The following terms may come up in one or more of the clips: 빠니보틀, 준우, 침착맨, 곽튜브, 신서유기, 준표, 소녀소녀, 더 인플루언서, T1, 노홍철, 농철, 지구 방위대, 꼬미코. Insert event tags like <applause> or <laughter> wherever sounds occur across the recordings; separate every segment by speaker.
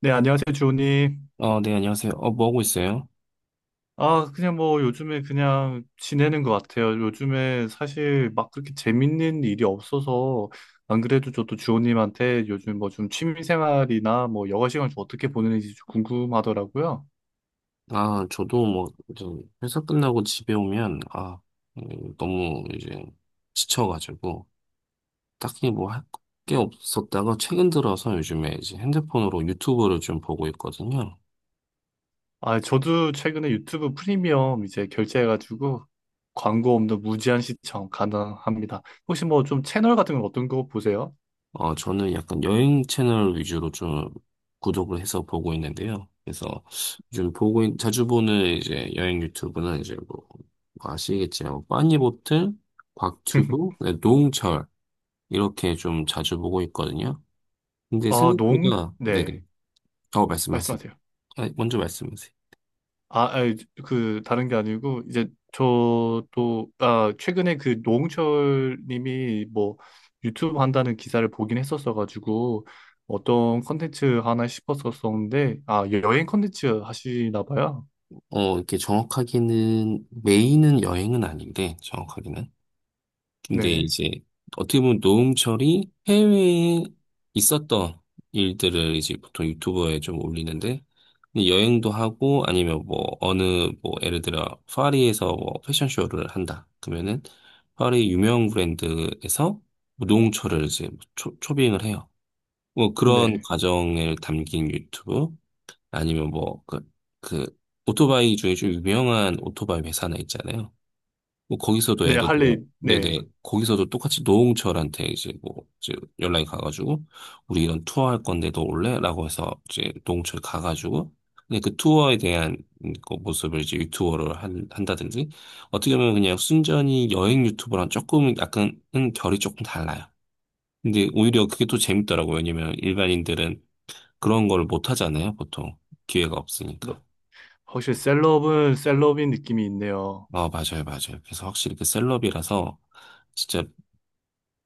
Speaker 1: 네, 안녕하세요, 주호님.
Speaker 2: 네, 안녕하세요. 뭐 하고 있어요?
Speaker 1: 그냥 뭐 요즘에 그냥 지내는 것 같아요. 요즘에 사실 막 그렇게 재밌는 일이 없어서 안 그래도 저도 주호님한테 요즘 뭐 좀 취미 생활이나 뭐 여가 시간을 좀 어떻게 보내는지 좀 궁금하더라고요.
Speaker 2: 아, 저도 뭐, 이제 회사 끝나고 집에 오면, 아, 너무 이제 지쳐가지고, 딱히 뭐 할 게 없었다가 최근 들어서 요즘에 이제 핸드폰으로 유튜브를 좀 보고 있거든요.
Speaker 1: 저도 최근에 유튜브 프리미엄 이제 결제해가지고 광고 없는 무제한 시청 가능합니다. 혹시 뭐 좀 채널 같은 건 어떤 거 보세요?
Speaker 2: 저는 약간 여행 채널 위주로 좀 구독을 해서 보고 있는데요. 그래서 요즘 자주 보는 이제 여행 유튜브는 이제 뭐, 뭐 아시겠지만, 뭐 빠니보틀, 곽튜브,
Speaker 1: <laughs>
Speaker 2: 네, 노홍철, 이렇게 좀 자주 보고 있거든요. 근데 생각보다, 네네.
Speaker 1: 네,
Speaker 2: 말씀하세요.
Speaker 1: 말씀하세요.
Speaker 2: 아, 먼저 말씀하세요.
Speaker 1: 아, 아니, 그, 다른 게 아니고, 이제, 저도, 최근에 그 노홍철 님이 뭐, 유튜브 한다는 기사를 보긴 했었어가지고, 어떤 컨텐츠 하나 싶었었는데, 여행 컨텐츠 하시나 봐요.
Speaker 2: 이렇게 정확하게는, 메인은 여행은 아닌데, 정확하게는. 근데
Speaker 1: 네,
Speaker 2: 이제, 어떻게 보면 노홍철이 해외에 있었던 일들을 이제 보통 유튜버에 좀 올리는데, 근데 여행도 하고, 아니면 뭐, 어느, 뭐, 예를 들어, 파리에서 뭐, 패션쇼를 한다. 그러면은, 파리 유명 브랜드에서 노홍철을 이제 초빙을 해요. 뭐 그런
Speaker 1: 네.
Speaker 2: 과정을 담긴 유튜브 아니면 뭐 그 오토바이 중에 좀 유명한 오토바이 회사나 있잖아요. 뭐 거기서도
Speaker 1: 네,
Speaker 2: 예를 들어
Speaker 1: 할리,
Speaker 2: 네네
Speaker 1: 네.
Speaker 2: 거기서도 똑같이 노홍철한테 이제 뭐 이제 연락이 가가지고 우리 이런 투어 할 건데 너 올래?라고 해서 이제 노홍철 가가지고 근데 그 투어에 대한 그 모습을 이제 유튜버로 한다든지 어떻게 보면 그냥 순전히 여행 유튜버랑 조금 약간은 결이 조금 달라요. 근데 오히려 그게 또 재밌더라고요. 왜냐면 일반인들은 그런 걸 못 하잖아요, 보통. 기회가
Speaker 1: 너-
Speaker 2: 없으니까.
Speaker 1: 확실히 셀럽은 셀럽인 느낌이 있네요.
Speaker 2: 아, 맞아요, 맞아요. 그래서 확실히 그 셀럽이라서 진짜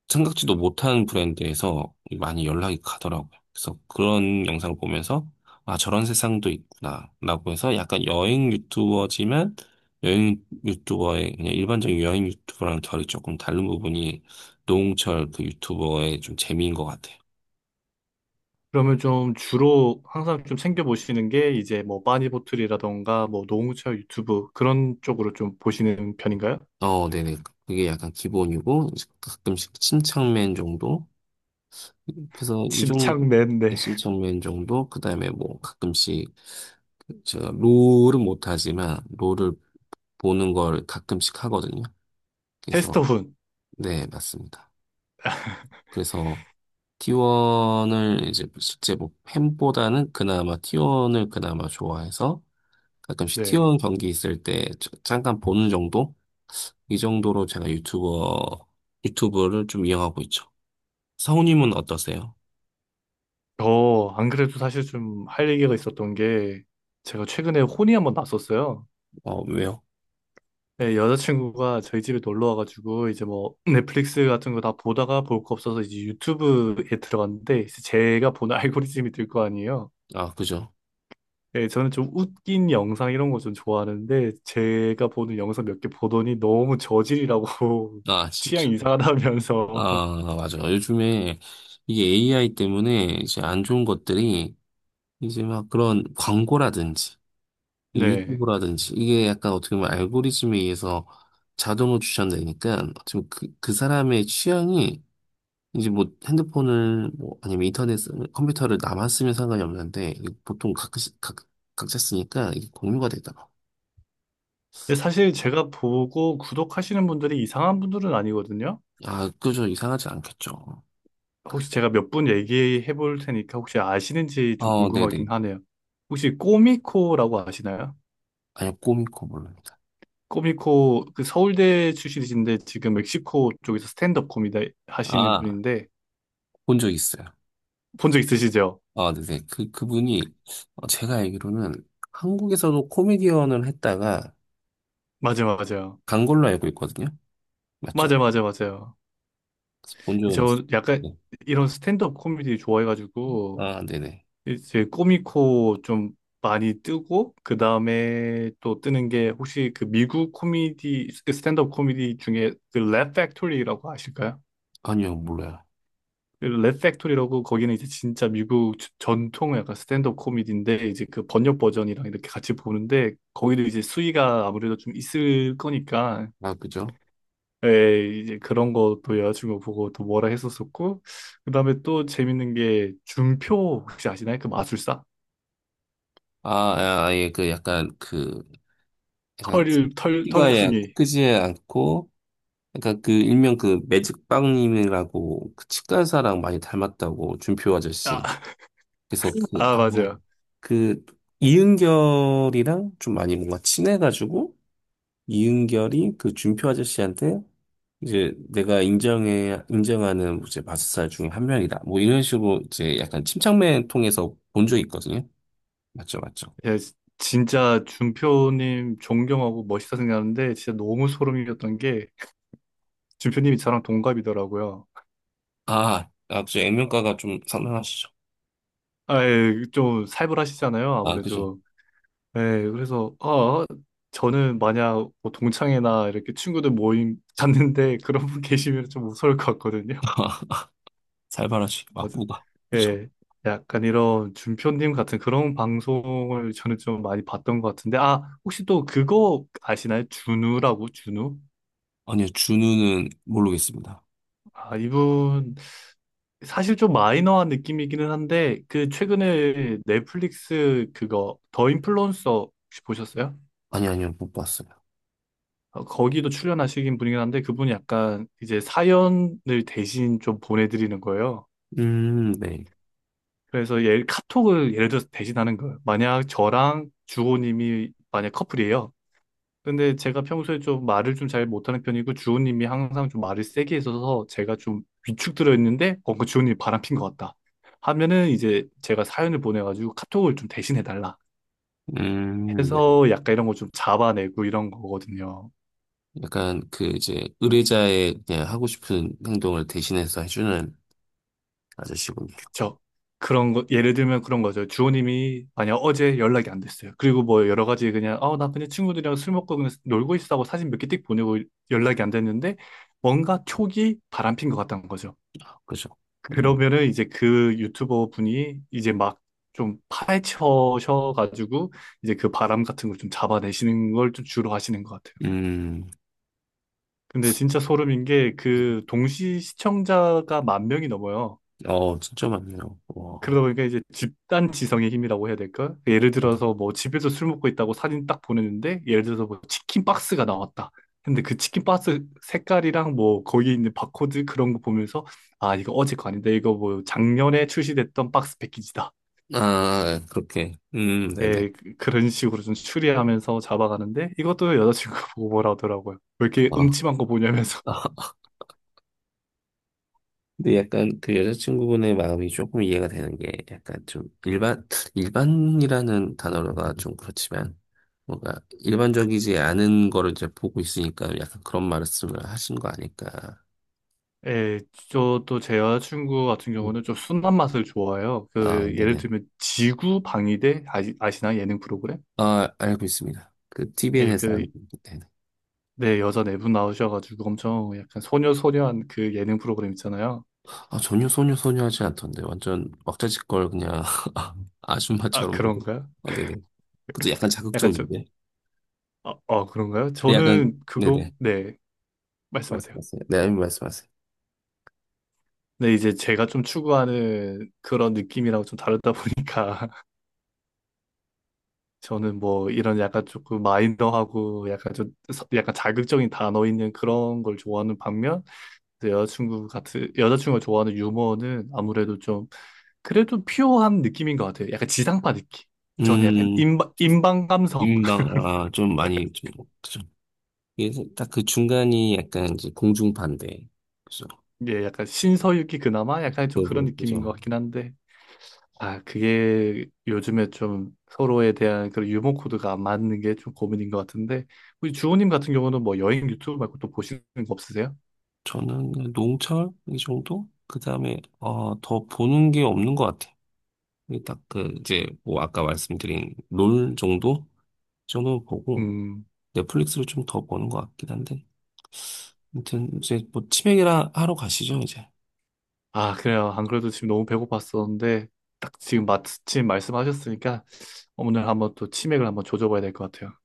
Speaker 2: 생각지도 못한 브랜드에서 많이 연락이 가더라고요. 그래서 그런 영상 을 보면서 아, 저런 세상도 있구나. 라고 해서 약간 여행 유튜버지만 여행 유튜버의 그냥 일반적인 여행 유튜버랑 결이 조금 다른 부분이 노홍철 그 유튜버의 좀 재미인 것 같아요.
Speaker 1: 그러면 좀 주로 항상 좀 챙겨보시는 게, 이제 뭐, 빠니보틀이라던가, 뭐, 노홍철 유튜브, 그런 쪽으로 좀 보시는 편인가요?
Speaker 2: 네네. 그게 약간 기본이고, 이제 가끔씩 침착맨 정도? 그래서 이 정도
Speaker 1: 침착맨네. <laughs>
Speaker 2: 신청면 정도 그다음에 뭐 가끔씩 제가 롤은 못하지만 롤을 보는 걸 가끔씩 하거든요. 그래서
Speaker 1: 테스터훈.
Speaker 2: 네 맞습니다. 그래서 T1을 이제 실제 뭐 팬보다는 그나마 T1을 그나마 좋아해서 가끔씩
Speaker 1: 네.
Speaker 2: T1 경기 있을 때 잠깐 보는 정도 이 정도로 제가 유튜버 유튜브를 좀 이용하고 있죠. 성우님은 어떠세요?
Speaker 1: 저, 안 그래도 사실 좀 할 얘기가 있었던 게, 제가 최근에 혼이 한번 났었어요.
Speaker 2: 어 왜요?
Speaker 1: 네, 여자친구가 저희 집에 놀러 와가지고, 이제 뭐, 넷플릭스 같은 거 다 보다가 볼 거 없어서 이제 유튜브에 들어갔는데, 이제 제가 보는 <laughs> 알고리즘이 될 거 아니에요.
Speaker 2: 아 그죠?
Speaker 1: 네, 저는 좀 웃긴 영상 이런 거 좀 좋아하는데, 제가 보는 영상 몇 개 보더니 너무 저질이라고,
Speaker 2: 아
Speaker 1: <laughs> 취향
Speaker 2: 진짜.
Speaker 1: 이상하다면서. <laughs>
Speaker 2: 아, 맞아. 요즘에 이게 AI 때문에 이제 안 좋은 것들이 이제 막 그런 광고라든지 이
Speaker 1: 네.
Speaker 2: 유튜브라든지 이게 약간 어떻게 보면 알고리즘에 의해서 자동으로 추천되니까 지금 그 사람의 취향이 이제 뭐 핸드폰을 뭐 아니면 인터넷 컴퓨터를 나만 쓰면 상관이 없는데 이게 보통 각, 각자 쓰니까 이게 공유가 되더라고.
Speaker 1: 근데 사실 제가 보고 구독하시는 분들이 이상한 분들은 아니거든요.
Speaker 2: 아, 그저 이상하지 않겠죠.
Speaker 1: 혹시 제가 몇 분 얘기해 볼 테니까 혹시 아시는지 좀
Speaker 2: 네네.
Speaker 1: 궁금하긴 하네요. 혹시 꼬미코라고 아시나요?
Speaker 2: 아니요, 꼬미코 모릅니다.
Speaker 1: 꼬미코 그 서울대 출신이신데 지금 멕시코 쪽에서 스탠드업 코미디 하시는
Speaker 2: 아,
Speaker 1: 분인데
Speaker 2: 본 적 있어요.
Speaker 1: 본 적 있으시죠?
Speaker 2: 아, 네네. 그분이, 제가 알기로는 한국에서도 코미디언을 했다가
Speaker 1: 맞아요.
Speaker 2: 간 걸로 알고 있거든요. 맞죠?
Speaker 1: 맞아요.
Speaker 2: 본 적은 있어요.
Speaker 1: 저 약간
Speaker 2: 네.
Speaker 1: 이런 스탠드업 코미디 좋아해가지고
Speaker 2: 아, 네네.
Speaker 1: 이제 꼬미코 좀 많이 뜨고 그 다음에 또 뜨는 게 혹시 그 미국 코미디 그 스탠드업 코미디 중에 그랩 팩토리라고 아실까요?
Speaker 2: 아니요, 몰라요.
Speaker 1: 랩 팩토리라고 거기는 이제 진짜 미국 전통 약간 스탠드업 코미디인데 이제 그 번역 버전이랑 이렇게 같이 보는데 거기도 이제 수위가 아무래도 좀 있을 거니까
Speaker 2: 아, 그죠?
Speaker 1: 예, 이제 그런 것도 여자친구 보고 또 뭐라 했었었고 그다음에 또 재밌는 게 준표 혹시 아시나요? 그 마술사
Speaker 2: 아, 아, 예, 그 약간 그, 약간
Speaker 1: 털 털
Speaker 2: 키가 예,
Speaker 1: 털복숭이.
Speaker 2: 크지 않고, 약간 그 일명 그 매직빵님이라고 그 치과 의사랑 많이 닮았다고 준표
Speaker 1: 아,
Speaker 2: 아저씨.
Speaker 1: <laughs>
Speaker 2: 그래서 그, 아,
Speaker 1: 맞아요.
Speaker 2: 그 이은결이랑 좀 많이 뭔가 친해가지고, 이은결이 그 준표 아저씨한테 이제 내가 인정해 인정하는 뭐 이제 마술사 중에 한 명이다. 뭐 이런 식으로 이제 약간 침착맨 통해서 본 적이 있거든요. 맞죠, 맞죠.
Speaker 1: 예, 지- 진짜 준표님 존경하고 멋있다 생각하는데 진짜 너무 소름이었던 게 준표님이 저랑 동갑이더라고요.
Speaker 2: 아, 아, 그죠. 액면가가 좀 상당하시죠.
Speaker 1: 아, 예, 좀 살벌하시잖아요,
Speaker 2: 아, 그죠.
Speaker 1: 아무래도. 예, 그래서 저는 만약 뭐 동창회나 이렇게 친구들 모임 <laughs> 갔는데 그런 분 계시면 좀 무서울 것 같거든요.
Speaker 2: <laughs> 살벌하시.
Speaker 1: 맞아.
Speaker 2: 막구가. 그죠.
Speaker 1: 예, 약간 이런 준표님 같은 그런 방송을 저는 좀 많이 봤던 것 같은데 혹시 또 그거 아시나요? 준우라고, 준우?
Speaker 2: 아니요, 준우는 모르겠습니다.
Speaker 1: 이분 사실 좀 마이너한 느낌이기는 한데 그 최근에 넷플릭스 그거 더 인플루언서 혹시 보셨어요?
Speaker 2: 아니, 아니요, 못 봤어요.
Speaker 1: 어, 거기도 출연하시긴 분이긴 한데 그분이 약간 이제 사연을 대신 좀 보내드리는 거예요.
Speaker 2: 네.
Speaker 1: 그래서 예, 카톡을 예를 들어서 대신하는 거예요. 만약 저랑 주호님이 만약 커플이에요. 근데 제가 평소에 좀 말을 좀 잘 못하는 편이고 주호님이 항상 좀 말을 세게 해어서 제가 좀 위축 들어있는데 어, 그 주호님이 바람핀 것 같다 하면은 이제 제가 사연을 보내가지고 카톡을 좀 대신해달라
Speaker 2: 네.
Speaker 1: 해서 약간 이런 거 좀 잡아내고 이런 거거든요.
Speaker 2: 약간 그 이제 의뢰자의 그냥 하고 싶은 행동을 대신해서 해주는 아저씨군요.
Speaker 1: 그쵸? 그런 거 예를 들면 그런 거죠. 주호님이 만약 어제 연락이 안 됐어요. 그리고 뭐 여러 가지 그냥 아 나 그냥 친구들이랑 술 먹고 그냥 놀고 있어 하고 사진 몇 개 띡 보내고 연락이 안 됐는데 뭔가 촉이 바람핀 것 같다는 거죠.
Speaker 2: 그죠. 음.
Speaker 1: 그러면은 이제 그 유튜버 분이 이제 막 좀 파헤쳐셔가지고 이제 그 바람 같은 걸 좀 잡아내시는 걸 좀 주로 하시는 것 같아요.
Speaker 2: 음,
Speaker 1: 근데 진짜 소름인 게 그 동시 시청자가 만 명이 넘어요.
Speaker 2: 진짜 많네요.
Speaker 1: 그러다
Speaker 2: 와.
Speaker 1: 보니까 이제 집단 지성의 힘이라고 해야 될까? 예를 들어서 뭐 집에서 술 먹고 있다고 사진 딱 보내는데 예를 들어서 뭐 치킨 박스가 나왔다. 근데 그 치킨 박스 색깔이랑 뭐 거기 있는 바코드 그런 거 보면서 아 이거 어제 거 아닌데 이거 뭐 작년에 출시됐던 박스 패키지다.
Speaker 2: 아, 예, 그렇게. 네네.
Speaker 1: 그런 식으로 좀 추리하면서 잡아가는데 이것도 여자친구가 <laughs> 보고 뭐라 하더라고요. 왜 이렇게
Speaker 2: 어.
Speaker 1: 음침한 거 보냐면서. <laughs>
Speaker 2: 근데 약간 그 여자친구분의 마음이 조금 이해가 되는 게 약간 좀 일반이라는 단어가 좀 그렇지만 뭔가 일반적이지 않은 거를 이제 보고 있으니까 약간 그런 말씀을 하신 거 아닐까.
Speaker 1: 예, 저또 제 여자친구 같은
Speaker 2: 음.
Speaker 1: 경우는 좀 순한 맛을 좋아해요.
Speaker 2: 아,
Speaker 1: 그 예를
Speaker 2: 네네.
Speaker 1: 들면 지구 방위대 아시나 예능 프로그램?
Speaker 2: 아, 알고 있습니다. 그
Speaker 1: 예,
Speaker 2: TVN에서 하는,
Speaker 1: 그 네, 여자 네 분 나오셔가지고 엄청 약간 소녀소녀한 그 예능 프로그램 있잖아요.
Speaker 2: 아, 전혀 소녀소녀 하지 않던데. 완전 왁자지껄 그냥 <laughs>
Speaker 1: 아,
Speaker 2: 아줌마처럼 하고.
Speaker 1: 그런가요?
Speaker 2: 아, 네네. 그것도 약간
Speaker 1: 약간 좀,
Speaker 2: 자극적인데.
Speaker 1: 어, 어, 그런가요?
Speaker 2: 약간, 네네.
Speaker 1: 말씀하세요.
Speaker 2: 말씀하세요. 네, 아니, 말씀하세요.
Speaker 1: 네, 이제 제가 좀 추구하는 그런 느낌이랑 좀 다르다 <laughs> 보니까 저는 뭐 이런 약간 조금 마이너하고 약간 좀 약간 자극적인 단어 있는 그런 걸 좋아하는 반면 이제 여자친구가 좋아하는 유머는 아무래도 좀 그래도 퓨어한 느낌인 것 같아요. 약간 지상파 느낌. 저는 약간
Speaker 2: 음,
Speaker 1: 인방 인방 감성.
Speaker 2: 민망,
Speaker 1: <laughs>
Speaker 2: 아, 좀 많이, 좀, 그죠. 그래서 딱그 중간이 약간 이제 공중반대 그죠.
Speaker 1: 예, 약간 신서유기 그나마 약간 좀 그런
Speaker 2: 그거,
Speaker 1: 느낌인
Speaker 2: 그죠.
Speaker 1: 것 같긴 한데 아 그게 요즘에 좀 서로에 대한 그런 유머 코드가 안 맞는 게 좀 고민인 것 같은데 우리 주호님 같은 경우는 뭐 여행 유튜브 말고 또 보시는 거 없으세요?
Speaker 2: 저는 농철? 이 정도? 그 다음에, 더 보는 게 없는 것 같아요. 딱 그, 이제, 뭐, 아까 말씀드린 롤 정도? 이 정도 보고,
Speaker 1: 음.
Speaker 2: 넷플릭스를 좀 더 보는 것 같긴 한데. 아무튼 이제 뭐 치맥이라 하러 가시죠, 이제.
Speaker 1: 아, 그래요. 안 그래도 지금 너무 배고팠었는데, 딱 지금 마침 말씀하셨으니까, 오늘 한번 또 치맥을 한번 조져봐야 될 것 같아요.